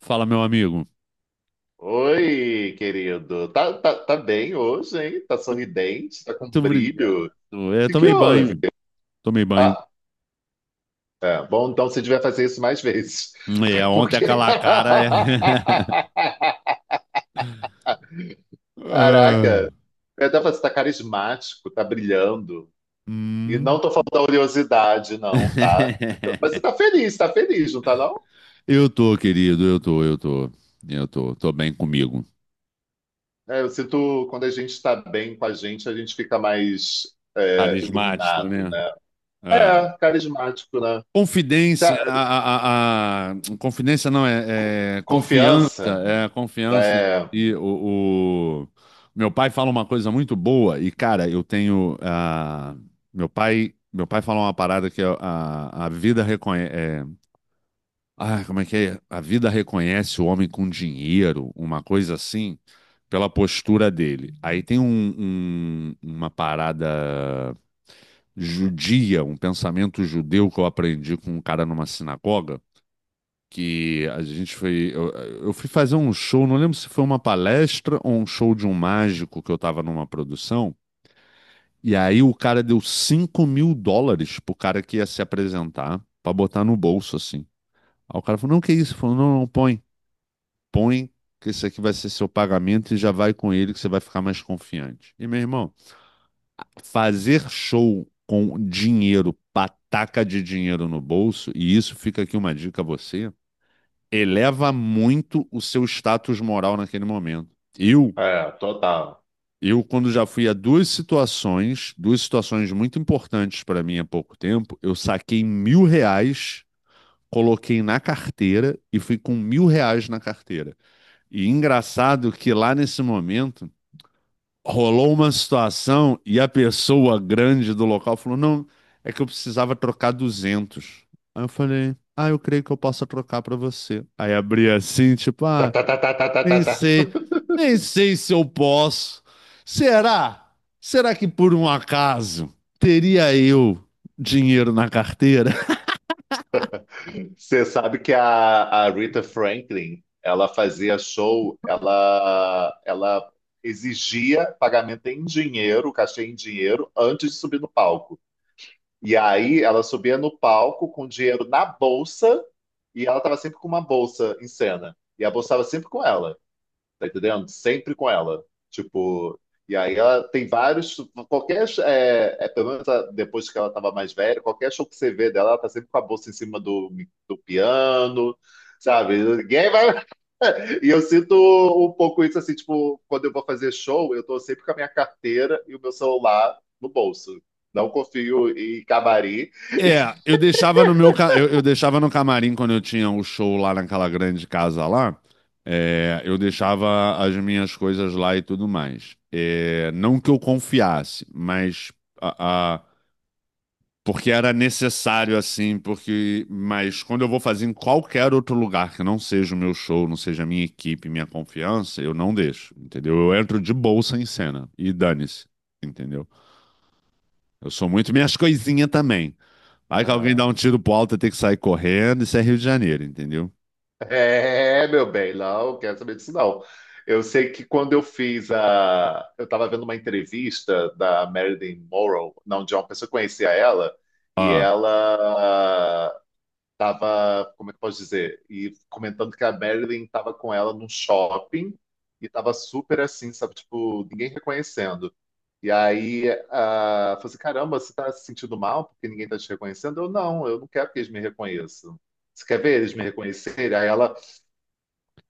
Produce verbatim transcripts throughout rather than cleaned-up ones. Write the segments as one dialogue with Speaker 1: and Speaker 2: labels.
Speaker 1: Fala, meu amigo.
Speaker 2: Oi, querido. Tá, tá, tá bem hoje, hein? Tá sorridente, tá com
Speaker 1: Muito obrigado.
Speaker 2: brilho. O
Speaker 1: Eu
Speaker 2: que que
Speaker 1: tomei
Speaker 2: houve?
Speaker 1: banho. Tomei banho.
Speaker 2: Ah, é, bom, então você devia fazer isso mais vezes.
Speaker 1: É, ontem
Speaker 2: Porque.
Speaker 1: aquela cara. é- Ah,
Speaker 2: Caraca, eu até falei, você tá carismático, tá brilhando. E
Speaker 1: hum.
Speaker 2: não tô falando da oleosidade, não, tá? Mas você tá feliz, tá feliz, não tá, não?
Speaker 1: Eu tô, querido. Eu tô, eu tô. Eu tô. Tô bem comigo.
Speaker 2: É, eu sinto quando a gente tá bem com a gente, a gente fica mais é,
Speaker 1: Carismático,
Speaker 2: iluminado,
Speaker 1: né?
Speaker 2: né?
Speaker 1: É.
Speaker 2: É, carismático, né?
Speaker 1: Confidência, a, a- a- a- confidência não,
Speaker 2: co-
Speaker 1: é, é confiança,
Speaker 2: Confiança.
Speaker 1: é a confiança em
Speaker 2: É,
Speaker 1: si. O, o- meu pai fala uma coisa muito boa e, cara, eu tenho, ah, meu pai, meu pai fala uma parada que a, a, a vida reconhece, ah, como é que é? A vida reconhece o homem com dinheiro, uma coisa assim, pela postura dele. Aí tem um- um- uma parada judia, um pensamento judeu que eu aprendi com um cara numa sinagoga, que a gente foi. Eu, eu fui fazer um show, não lembro se foi uma palestra ou um show de um mágico que eu tava numa produção. E aí o cara deu cinco mil dólares pro cara que ia se apresentar, pra botar no bolso, assim. Aí o cara falou: não, que isso? Ele falou: não, não, põe põe que esse aqui vai ser seu pagamento e já vai com ele que você vai ficar mais confiante. E, meu irmão, fazer show com dinheiro, pataca de dinheiro no bolso, e isso fica aqui uma dica a você, eleva muito o seu status moral naquele momento. Eu,
Speaker 2: é, total.
Speaker 1: eu quando já fui a duas situações, duas situações muito importantes para mim há pouco tempo, eu saquei mil reais coloquei na carteira e fui com mil reais na carteira. E engraçado que lá nesse momento rolou uma situação e a pessoa grande do local falou: Não, é que eu precisava trocar duzentos. Aí eu falei: Ah, eu creio que eu possa trocar pra você. Aí abri assim, tipo:
Speaker 2: Tá,
Speaker 1: Ah,
Speaker 2: tá, tá, tá, tá, tá, tá,
Speaker 1: nem
Speaker 2: tá.
Speaker 1: sei, nem sei se eu posso. Será? Será que por um acaso teria eu dinheiro na carteira?
Speaker 2: Você sabe que a, a Rita Franklin, ela fazia show, ela, ela exigia pagamento em dinheiro, cachê em dinheiro, antes de subir no palco. E aí ela subia no palco com dinheiro na bolsa e ela estava sempre com uma bolsa em cena. E a bolsa estava sempre com ela. Tá entendendo? Sempre com ela. Tipo, e aí ela tem vários. Qualquer. É, é, pelo menos a- depois que ela tava mais velha, qualquer show que você vê dela, ela tá sempre com a bolsa em cima do, do piano, sabe? Ninguém vai. E eu sinto um pouco isso assim, tipo, quando eu vou fazer show, eu tô sempre com a minha carteira e o meu celular no bolso. Não confio em camarim.
Speaker 1: É, eu deixava no meu, ca- eu, eu deixava no camarim quando eu tinha o show lá naquela grande casa lá. É, eu deixava as minhas coisas lá e tudo mais. É, não que eu confiasse, mas a, a- porque era necessário assim, porque mas quando eu vou fazer em qualquer outro lugar que não seja o meu show, não seja a minha equipe, minha confiança, eu não deixo, entendeu? Eu entro de bolsa em cena e dane-se, entendeu? Eu sou muito minhas coisinhas também. Aí que alguém
Speaker 2: Ah,
Speaker 1: dá um tiro pro alto, tem que sair correndo, isso é Rio de Janeiro, entendeu?
Speaker 2: é, meu bem, não quero saber disso, não. Eu sei que quando eu fiz a. Eu estava vendo uma entrevista da Marilyn Monroe, não, de uma pessoa que conhecia ela, e
Speaker 1: Ah,
Speaker 2: ela estava, como é que eu posso dizer? E comentando que a Marilyn estava com ela num shopping e estava super assim, sabe? Tipo, ninguém reconhecendo. E aí, ah, falou assim: caramba, você está se sentindo mal porque ninguém está te reconhecendo? Eu não, eu não quero que eles me reconheçam. Você quer ver eles me reconhecerem? Aí ela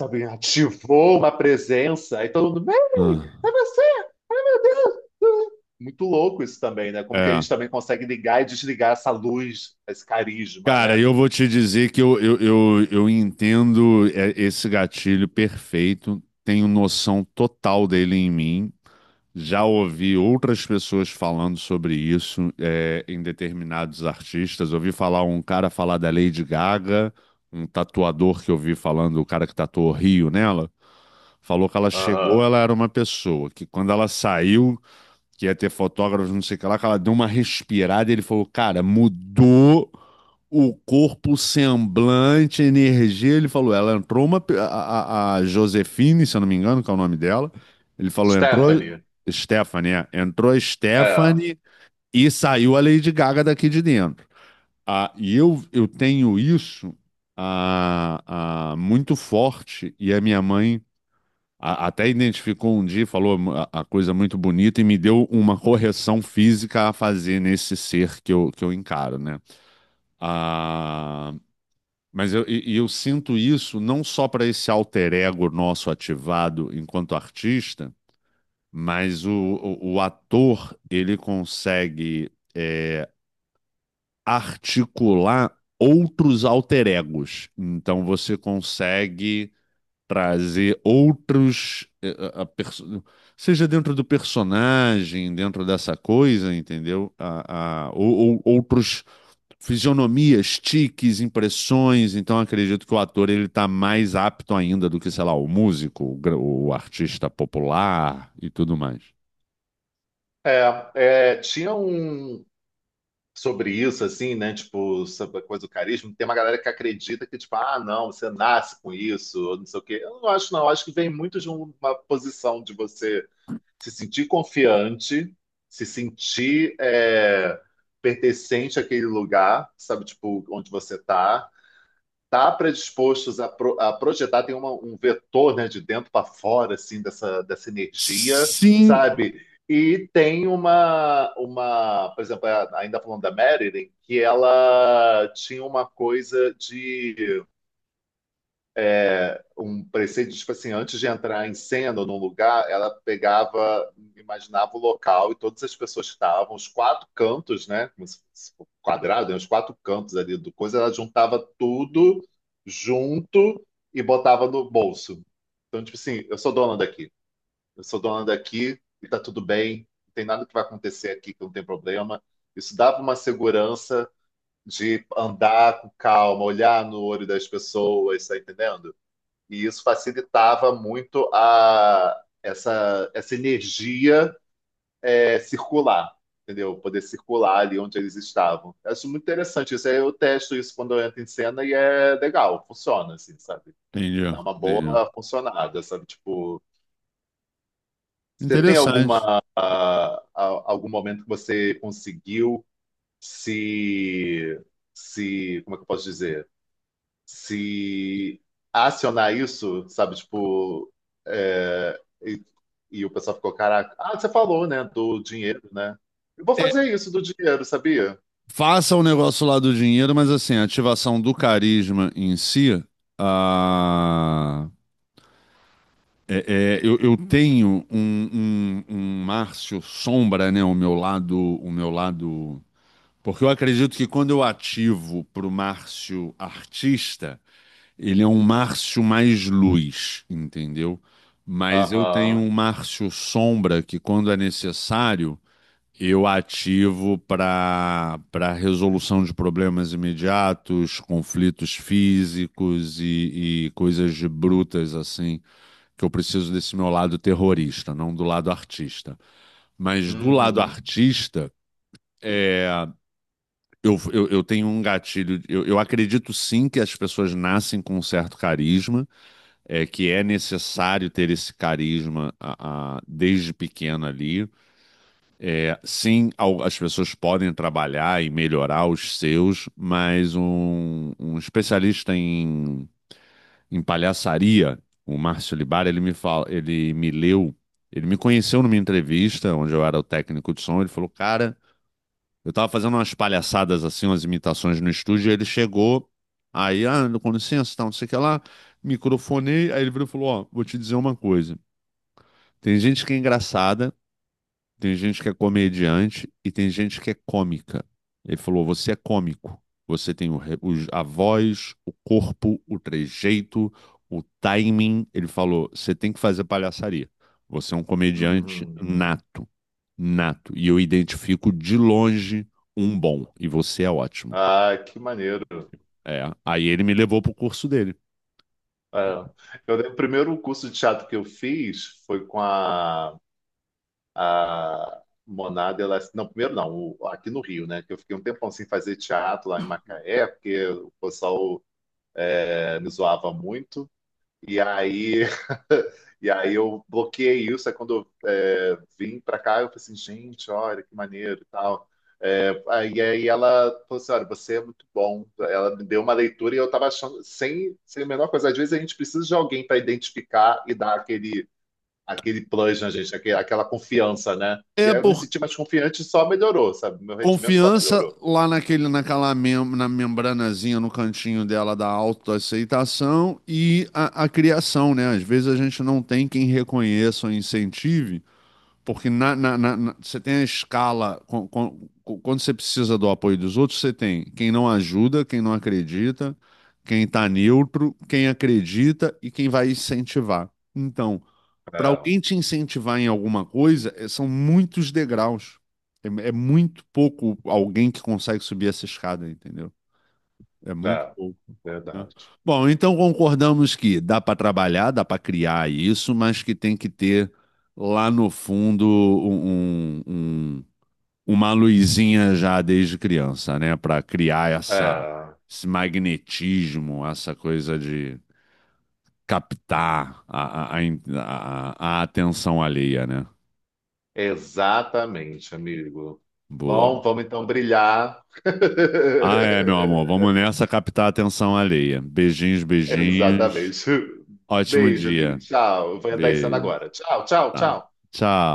Speaker 2: sabe, ativou uma presença, aí todo mundo, Mary,
Speaker 1: ah,
Speaker 2: é você! Muito louco isso também, né? Como que a
Speaker 1: é.
Speaker 2: gente também consegue ligar e desligar essa luz, esse carisma,
Speaker 1: Cara,
Speaker 2: né?
Speaker 1: eu vou te dizer que eu, eu, eu, eu entendo é, esse gatilho perfeito, tenho noção total dele em mim. Já ouvi outras pessoas falando sobre isso, é, em determinados artistas. Ouvi falar um cara falar da Lady Gaga, um tatuador que eu vi falando, o cara que tatuou Rio nela, falou que ela chegou,
Speaker 2: Aham.
Speaker 1: ela era uma pessoa, que quando ela saiu, que ia ter fotógrafos, não sei o que lá, que ela deu uma respirada e ele falou, cara, mudou o corpo, o semblante, a energia. Ele falou, ela entrou uma. pe- A, a- a Josefine, se eu não me engano, que é o nome dela. Ele falou, entrou.
Speaker 2: Stephanie,
Speaker 1: Stephanie, é. Entrou a
Speaker 2: é,
Speaker 1: Stephanie e saiu a Lady Gaga daqui de dentro. Ah, e eu, eu tenho isso ah, ah, muito forte, e a minha mãe a- até identificou um dia, e falou a, a coisa muito bonita e me deu uma correção física a fazer nesse ser que eu, que eu encaro, né? Ah, mas eu, e- e eu sinto isso não só para esse alter ego nosso ativado enquanto artista, mas o, o, o ator ele consegue é, articular outros alter egos. Então você consegue trazer outros, eh, a- a perso- seja dentro do personagem, dentro dessa coisa, entendeu? A, a- ou, ou- outros fisionomias, tiques, impressões. Então, acredito que o ator ele está mais apto ainda do que, sei lá, o músico, o, gra- o artista popular e tudo mais.
Speaker 2: é, é, tinha um sobre isso, assim, né? Tipo, sobre a coisa do carisma, tem uma galera que acredita que, tipo, ah, não, você nasce com isso, ou não sei o quê. Eu não acho, não, eu acho que vem muito de uma posição de você se sentir confiante, se sentir é, pertencente àquele lugar, sabe, tipo, onde você tá, tá predispostos a, pro- a projetar, tem uma- um vetor, né, de dentro para fora, assim, dessa, dessa energia,
Speaker 1: Sim.
Speaker 2: sabe? E tem uma, uma, por exemplo, é, ainda falando da Marilyn, que ela tinha uma coisa de um preceito, tipo assim, antes de entrar em cena ou num lugar, ela pegava, imaginava o local e todas as pessoas que estavam, os quatro cantos, né? Como se fosse um quadrado, né? Os quatro cantos ali do coisa, ela juntava tudo junto e botava no bolso. Então, tipo assim, eu sou dona daqui, eu sou dona daqui e tá tudo bem, não tem nada que vai acontecer aqui que não tem problema. Isso dava uma segurança de andar com calma, olhar no olho das pessoas, tá entendendo? E isso facilitava muito a, essa, essa energia é, circular, entendeu? Poder circular ali onde eles estavam. Eu acho muito interessante isso. Aí eu testo isso quando eu entro em cena e é legal, funciona, assim, sabe?
Speaker 1: Entendi,
Speaker 2: Dá uma
Speaker 1: entendi.
Speaker 2: boa funcionada, sabe? Tipo, você tem
Speaker 1: Interessante.
Speaker 2: alguma, ah, ah, algum momento que você conseguiu se, se, como é que eu posso dizer? Se acionar isso, sabe, tipo, é, e, e o pessoal ficou, caraca, ah, você falou, né, do dinheiro, né? Eu vou
Speaker 1: É,
Speaker 2: fazer isso do dinheiro, sabia?
Speaker 1: faça o negócio lá do dinheiro, mas assim, a ativação do carisma em si, ah, É, é, eu, eu tenho um, um, um Márcio sombra, né? O meu lado, o meu lado. Porque eu acredito que quando eu ativo para o Márcio artista, ele é um Márcio mais luz, entendeu? Mas eu tenho
Speaker 2: Aham.
Speaker 1: um Márcio sombra que, quando é necessário, eu ativo para para resolução de problemas imediatos, conflitos físicos e, e coisas de brutas assim, que eu preciso desse meu lado terrorista, não do lado artista. Mas do lado
Speaker 2: Uhum.
Speaker 1: artista, é, eu, eu, eu tenho um gatilho. Eu, eu acredito sim que as pessoas nascem com um certo carisma, é, que é necessário ter esse carisma a- a- desde pequeno ali. É, sim, al- as pessoas podem trabalhar e melhorar os seus, mas um, um especialista em, em palhaçaria, o Márcio Libara, ele me fala, ele me leu, ele me conheceu numa entrevista onde eu era o técnico de som, ele falou, cara, eu tava fazendo umas palhaçadas assim, umas imitações no estúdio, e ele chegou, aí, ah, com licença, tal, não sei o que lá, microfonei, aí ele virou e falou, ó, vou te dizer uma coisa, tem gente que é engraçada, tem gente que é comediante e tem gente que é cômica. Ele falou: você é cômico. Você tem o re- os- a voz, o corpo, o trejeito, o timing. Ele falou: você tem que fazer palhaçaria. Você é um comediante
Speaker 2: Uhum.
Speaker 1: nato. Nato. E eu identifico de longe um bom. E você é ótimo.
Speaker 2: Ah, que maneiro.
Speaker 1: É. Aí ele me levou pro curso dele.
Speaker 2: É. Eu lembro, o primeiro curso de teatro que eu fiz foi com a, a Monada Elas- Não, primeiro não, o- aqui no Rio, né? Que eu fiquei um tempão sem fazer teatro lá em Macaé, porque o pessoal eh, me zoava muito. E aí, e aí eu bloqueei isso. Aí quando eu é, vim pra cá, eu falei assim, gente, olha que maneiro e tal. É, aí, aí ela falou assim, olha, você é muito bom. Ela me deu uma leitura e eu tava achando, sem, sem a menor coisa, às vezes a gente precisa de alguém para identificar e dar aquele, aquele plus na gente, aquele- aquela confiança, né?
Speaker 1: É
Speaker 2: E aí eu me
Speaker 1: por
Speaker 2: senti mais confiante e só melhorou, sabe? Meu rendimento só
Speaker 1: confiança
Speaker 2: melhorou.
Speaker 1: lá naquele, naquela mem na membranazinha no cantinho dela da autoaceitação e a, a criação, né? Às vezes a gente não tem quem reconheça ou incentive, porque na, na- na- na- você tem a escala, com- com- com- quando você precisa do apoio dos outros, você tem quem não ajuda, quem não acredita, quem está neutro, quem acredita e quem vai incentivar. Então, para
Speaker 2: É,
Speaker 1: alguém te incentivar em alguma coisa, eh, são muitos degraus. É, é muito pouco alguém que consegue subir essa escada, entendeu? É muito
Speaker 2: é,
Speaker 1: pouco. Né?
Speaker 2: Verdade.
Speaker 1: Bom, então concordamos que dá para trabalhar, dá para criar isso, mas que tem que ter lá no fundo um- um- um, uma luzinha já desde criança, né? Para criar essa,
Speaker 2: É.
Speaker 1: esse magnetismo, essa coisa de captar a, a, a, a a atenção alheia, né?
Speaker 2: Exatamente, amigo. Bom,
Speaker 1: Boa.
Speaker 2: vamos então brilhar.
Speaker 1: Ah, é, meu amor. Vamos nessa captar a atenção alheia. Beijinhos, beijinhos.
Speaker 2: Exatamente.
Speaker 1: Ótimo
Speaker 2: Beijo, amigo.
Speaker 1: dia.
Speaker 2: Tchau. Eu vou entrar em cena
Speaker 1: Beijo.
Speaker 2: agora. Tchau, tchau,
Speaker 1: Tá.
Speaker 2: tchau.
Speaker 1: Tchau.